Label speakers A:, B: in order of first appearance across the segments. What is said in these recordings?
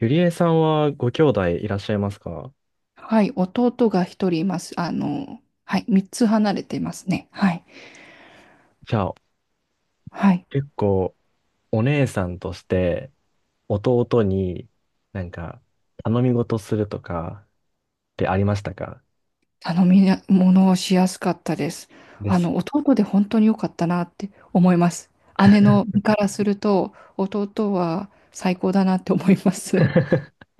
A: ゆりえさんはご兄弟いらっしゃいますか？
B: はい、弟が一人います。はい、三つ離れていますね。はい。
A: じゃあ、
B: はい。
A: 結構お姉さんとして弟になんか頼み事するとかってありましたか？
B: 頼みな物をしやすかったです。
A: です。
B: 弟で本当に良かったなって思います。姉の身からすると、弟は最高だなって思います。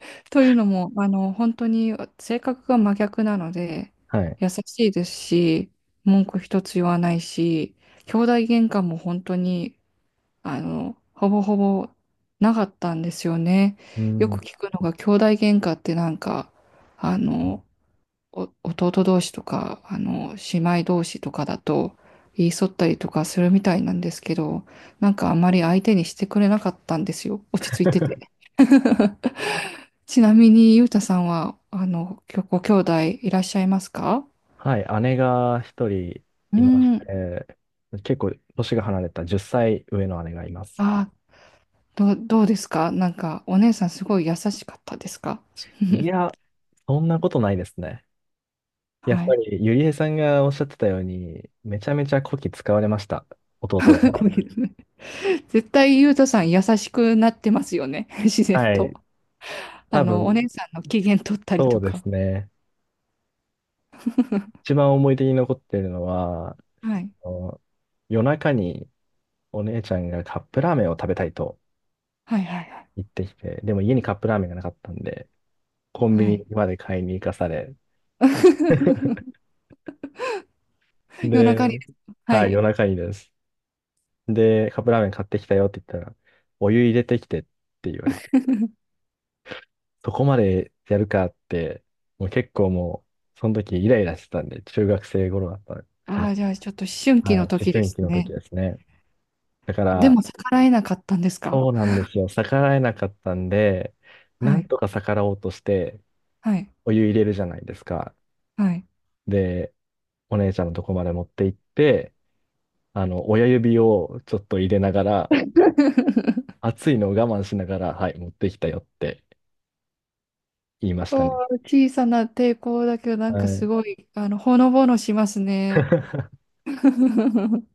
B: というのも、本当に性格が真逆なので、
A: はい。
B: 優しいですし、文句一つ言わないし、兄弟喧嘩も本当にほぼほぼなかったんですよね。
A: う
B: よく
A: ん。
B: 聞くのが、兄弟喧嘩ってなんか、あの、お弟同士とか、姉妹同士とかだと、言い添ったりとかするみたいなんですけど、なんかあんまり相手にしてくれなかったんですよ。落ち着いてて。ちなみに、ゆうたさんは、きょご兄弟いらっしゃいますか？
A: はい。姉が一人
B: うー
A: いまし
B: ん。
A: て、結構年が離れた10歳上の姉がいます。
B: あ、どうですかなんか、お姉さんすごい優しかったですか？
A: いや、そんなことないですね。やっ
B: は
A: ぱ
B: い。
A: りゆりえさんがおっしゃってたように、めちゃめちゃこき使われました。弟だ
B: ご
A: か
B: めんなさい、絶対ゆうとさん優しくなってますよね。自
A: ら。
B: 然
A: は
B: と。
A: い。多
B: お
A: 分、
B: 姉さんの機嫌取ったり
A: そう
B: と
A: で
B: か。
A: すね。一番思い出に残ってるのは、
B: はい。
A: その夜中にお姉ちゃんがカップラーメンを食べたいと
B: はいはい
A: 言ってきて、でも家にカップラーメンがなかったんで、コン
B: は
A: ビ
B: い。は
A: ニ
B: い。
A: まで買いに行かされ、
B: 夜中に。
A: で、
B: は
A: はい、夜
B: い。
A: 中にです。で、カップラーメン買ってきたよって言ったら、お湯入れてきてって言われて、そこまでやるかって、もう結構もう、その時イライラしてたんで、中学生頃だったかな。
B: ああ、じゃあちょっと思春期
A: は
B: の
A: い、思
B: 時で
A: 春
B: す
A: 期の時
B: ね。
A: ですね。だか
B: で
A: ら、
B: も逆らえなかったんですか？
A: そうなんですよ。逆らえなかったんで、な
B: は
A: ん
B: い。
A: とか逆らおうとして、
B: はい。
A: お湯入れるじゃないですか。
B: はい。
A: で、お姉ちゃんのとこまで持って行って、親指をちょっと入れながら、熱いのを我慢しながら、はい、持ってきたよって言いました
B: お
A: ね。
B: ー、小さな抵抗だけど、なん
A: は
B: かす
A: い。
B: ごい、ほのぼのしますね。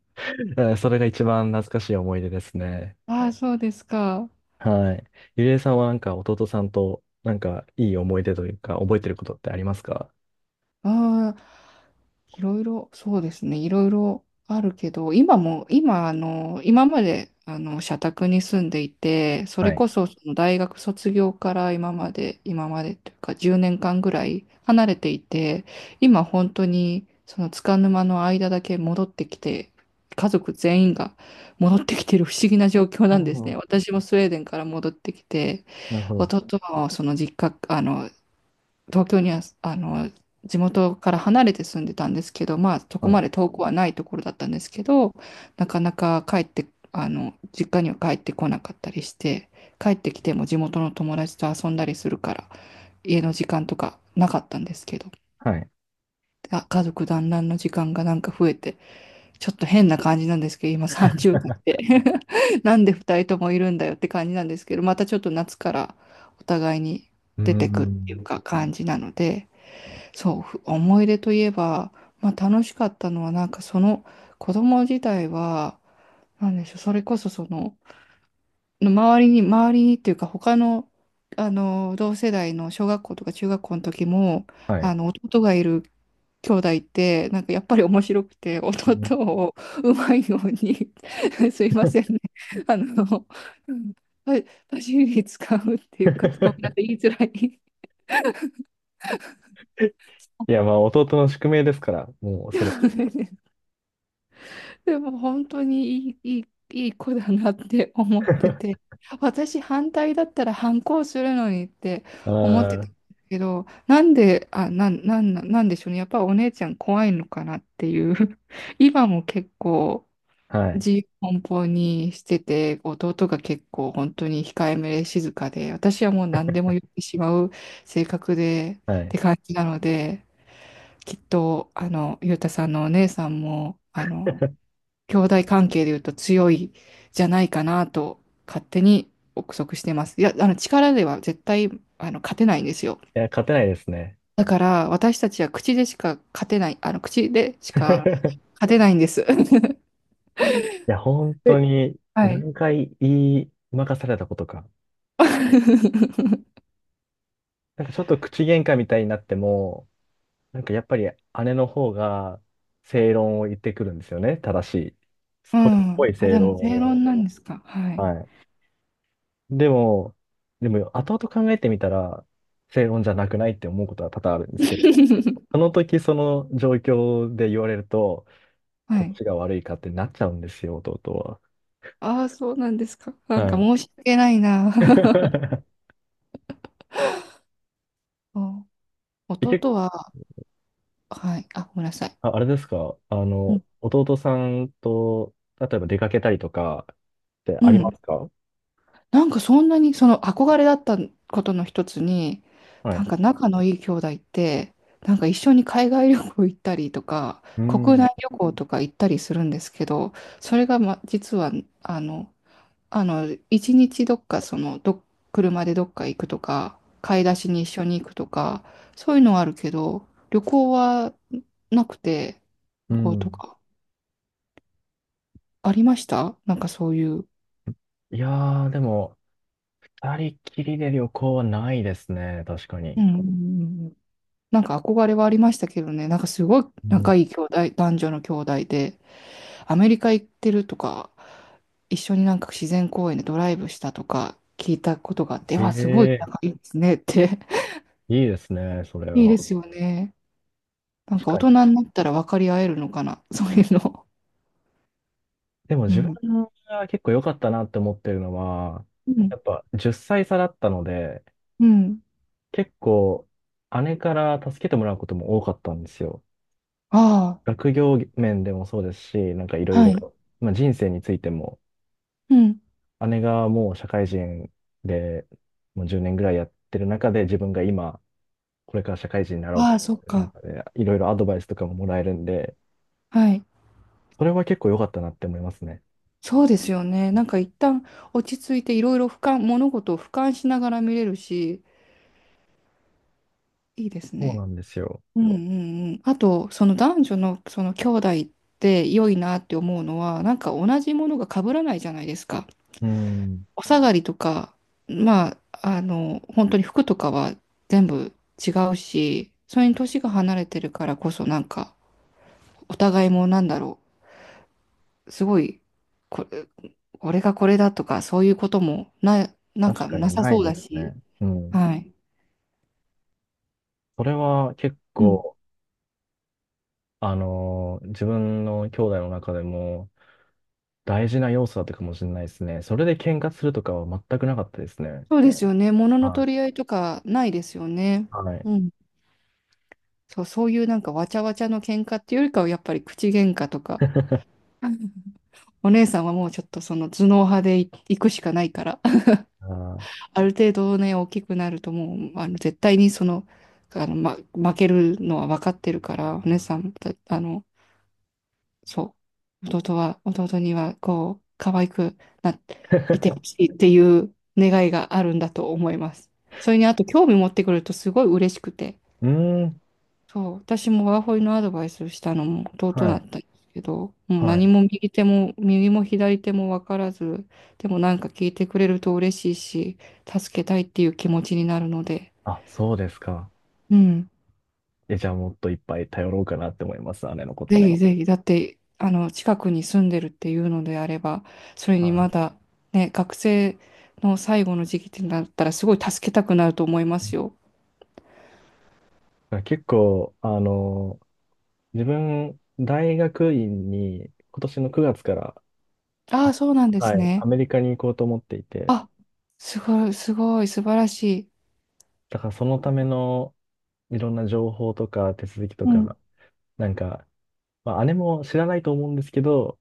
A: それが一番懐かしい思い出ですね。
B: ああ、そうですか。
A: はい。ゆりえさんはなんか弟さんとなんかいい思い出というか、覚えてることってありますか？
B: ああ、いろいろ、そうですね、いろいろあるけど、今も、今、今まで、社宅に住んでいて、そ
A: は
B: れ
A: い。
B: こそ、その大学卒業から今まで、今までというか、10年間ぐらい離れていて、今、本当に、その、束の間の間だけ戻ってきて、家族全員が戻ってきてる不思議な状況
A: あ
B: なんです
A: あ、
B: ね。私もスウェーデンから戻ってきて、
A: なるほど。
B: 弟もその実家、東京には、地元から離れて住んでたんですけど、まあ、そこ
A: は
B: ま
A: い。
B: で遠くはないところだったんですけど、なかなか帰って、実家には帰ってこなかったりして、帰ってきても地元の友達と遊んだりするから、家の時間とかなかったんですけど、
A: はい。
B: あ、家族団らんの時間がなんか増えて、ちょっと変な感じなんですけど、今30代で なんで2人ともいるんだよって感じなんですけど、またちょっと夏からお互いに
A: うー
B: 出てくっていう
A: ん。
B: か感じなので、そう、ふ思い出といえば、まあ楽しかったのは、なんかその子供自体は、なんでしょう、それこそその、周りにっていうか、他の、同世代の小学校とか中学校の時も、弟がいる兄弟って、なんかやっぱり面白くて、
A: うん
B: 弟をうまいように すいませんね、あの、うんパパシリ に使うっていうか、ごめんなさい、言いづらい。
A: いや、まあ、弟の宿命ですから、もう、それ
B: でも本当にいい子だなって思って
A: は。
B: て、私反対だったら反抗するのにって思ってたん
A: あ
B: ですけど、なんで、なんでしょうね。やっぱお姉ちゃん怖いのかなっていう。今も結構
A: あ、はい、
B: 自由奔放にしてて、弟が結構本当に控えめで静かで、私はもう何でも言ってしまう性格で
A: は
B: って
A: い。
B: 感じなので、きっと、ゆうたさんのお姉さんも、兄弟関係で言うと強いじゃないかなと勝手に憶測してます。いや、あの力では絶対あの勝てないんですよ。
A: いや、勝てないですね。
B: だから私たちは口でしか勝てない、あの口でしか
A: い
B: 勝てないんです。
A: や、本当
B: え、
A: に
B: はい。
A: 何回言い任されたことか。なんかちょっと口喧嘩みたいになっても、なんかやっぱり姉の方が正論を言ってくるんですよね。正しい。
B: う
A: それっぽ
B: ん。
A: い
B: あ、
A: 正
B: でも
A: 論
B: 正論
A: を。
B: なんですか。はい。
A: はい。でも、でも後々考えてみたら正論じゃなくないって思うことは多々あるんですけど。そ の時その状況で言われると、
B: は
A: こっ
B: い。
A: ちが悪いかってなっちゃうんですよ、弟は。
B: ああ、そうなんですか。なん
A: は
B: か
A: い。
B: 申し訳ないな。そう、
A: え結
B: 弟は、はい。あ、ごめんなさい。
A: あ、あれですか、
B: うん。
A: 弟さんと、例えば出かけたりとかって
B: う
A: ありま
B: ん、
A: すか？
B: なんかそんなにその憧れだったことの一つに、
A: は
B: な
A: い。
B: んか仲のいい兄弟って、なんか一緒に海外旅行行ったりとか、
A: う
B: 国
A: ん。
B: 内旅行とか行ったりするんですけど、それが、ま、実は、あの、あの、一日どっか、車でどっか行くとか、買い出しに一緒に行くとか、そういうのはあるけど、旅行はなくて、
A: う
B: 旅行と
A: ん。
B: か、ありましたなんかそういう。
A: いやー、でも、二人きりで旅行はないですね、確か
B: う
A: に。
B: んうんうんうん、なんか憧れはありましたけどね、なんかすごい
A: うん、
B: 仲いい兄弟、男女の兄弟で、アメリカ行ってるとか、一緒になんか自然公園でドライブしたとか聞いたことがあって、うわ、すごい
A: ええ
B: 仲いいですねって。
A: いいですね、それ
B: いいで
A: は。
B: すよね。なん
A: 確
B: か大
A: かに。
B: 人になったら分かり合えるのかな、そういうの。
A: でも
B: う
A: 自分
B: ん。
A: が結構良かったなって思ってるのは、
B: うん。
A: やっぱ10歳差だったので、
B: うん。
A: 結構姉から助けてもらうことも多かったんですよ。
B: あ
A: 学業面でもそうですし、なんかいろ
B: あ、
A: い
B: はい。
A: ろ、まあ、人生についても、
B: うん。
A: 姉がもう社会人でもう10年ぐらいやってる中で、自分が今、これから社会人になろう
B: あ
A: と、
B: あ、そっ
A: なん
B: か。
A: かね、いろいろアドバイスとかももらえるんで、
B: はい。
A: それは結構良かったなって思いますね。
B: そうですよね。なんか一旦落ち着いていろいろ俯瞰、物事を俯瞰しながら見れるし、いいです
A: そう
B: ね。
A: なんですよ。
B: うんうんうん。あと、その男女のその兄弟って良いなって思うのは、なんか同じものが被らないじゃないですか。
A: うん、
B: お下がりとか、まあ、本当に服とかは全部違うし、それに年が離れてるからこそ、なんか、お互いもなんだろう、すごい、これ、俺がこれだとか、そういうこともな、なん
A: 確
B: か
A: か
B: な
A: に
B: さ
A: ない
B: そう
A: で
B: だ
A: すね。
B: し、
A: うん。
B: はい。
A: それは結
B: うん。
A: 構、自分の兄弟の中でも大事な要素だったかもしれないですね。それで喧嘩するとかは全くなかったですね。
B: そうですよね。物の
A: は
B: 取り合いとかないですよね。
A: い。はい。
B: そう、そういうなんかわちゃわちゃの喧嘩っていうよりかはやっぱり口喧嘩とか、お姉さんはもうちょっとその頭脳派でい行くしかないから、
A: あ
B: ある程度ね、大きくなるともう、絶対にその、負けるのは分かってるから、お姉さん、あの、そう、弟にはこう、可愛くなっていて
A: ー
B: ほしいっていう願いがあるんだと思います。それにあと興味持ってくれるとすごい嬉しくて、
A: うーん。
B: そう、私もワーホリのアドバイスをしたのも弟
A: は
B: だっ
A: い。
B: たんですけど、もう
A: は
B: 何
A: い。
B: も右手も、右も左も分からず、でもなんか聞いてくれると嬉しいし、助けたいっていう気持ちになるので、
A: あ、そうですか。
B: うん、
A: え、じゃあもっといっぱい頼ろうかなって思います、姉のこ
B: ぜ
A: と。
B: ひぜひ、だって、近くに住んでるっていうのであれば、それにま
A: は
B: だ、ね、学生の最後の時期ってなったら、すごい助けたくなると思いますよ。
A: い。結構、自分、大学院に今年の9月から、
B: あ
A: あ
B: あ、そうなんです
A: はい、
B: ね。
A: アメリカに行こうと思っていて、
B: あ、すごい、素晴らしい。
A: だからそのための、いろんな情報とか手続きと
B: うん、
A: か、なんか、まあ、姉も知らないと思うんですけど、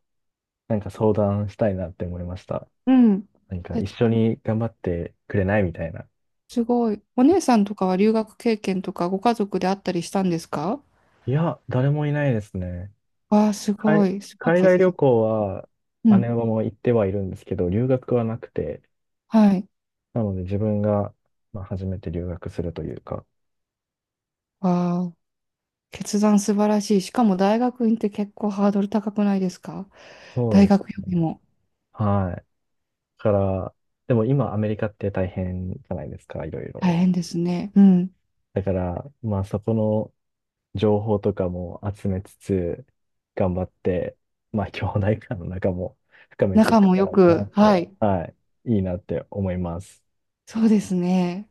A: なんか相談したいなって思いました。
B: うん。
A: なんか一緒に頑張ってくれないみたいな。
B: すごい。お姉さんとかは留学経験とかご家族であったりしたんですか？
A: いや、誰もいないですね。
B: わあ、すご
A: 海、
B: い。すごい
A: 海外
B: 決
A: 旅
B: 断。
A: 行は
B: う
A: 姉
B: ん。
A: はもう行ってはいるんですけど、留学はなくて、
B: はい。
A: なので自分が、まあ、初めて留学するというか。
B: わあ、決断素晴らしい。しかも大学院って結構ハードル高くないですか？
A: そう
B: 大
A: です。
B: 学よりも
A: はい。だから、でも今アメリカって大変じゃないですか、いろい
B: 大
A: ろ。
B: 変ですね。うん。
A: だから、まあそこの、情報とかも集めつつ、頑張って、まあ、兄弟間の仲も深めていっ
B: 仲も
A: た
B: よ
A: らな
B: く。
A: っ
B: は
A: て、
B: い。
A: はい、いいなって思います。
B: そうですね。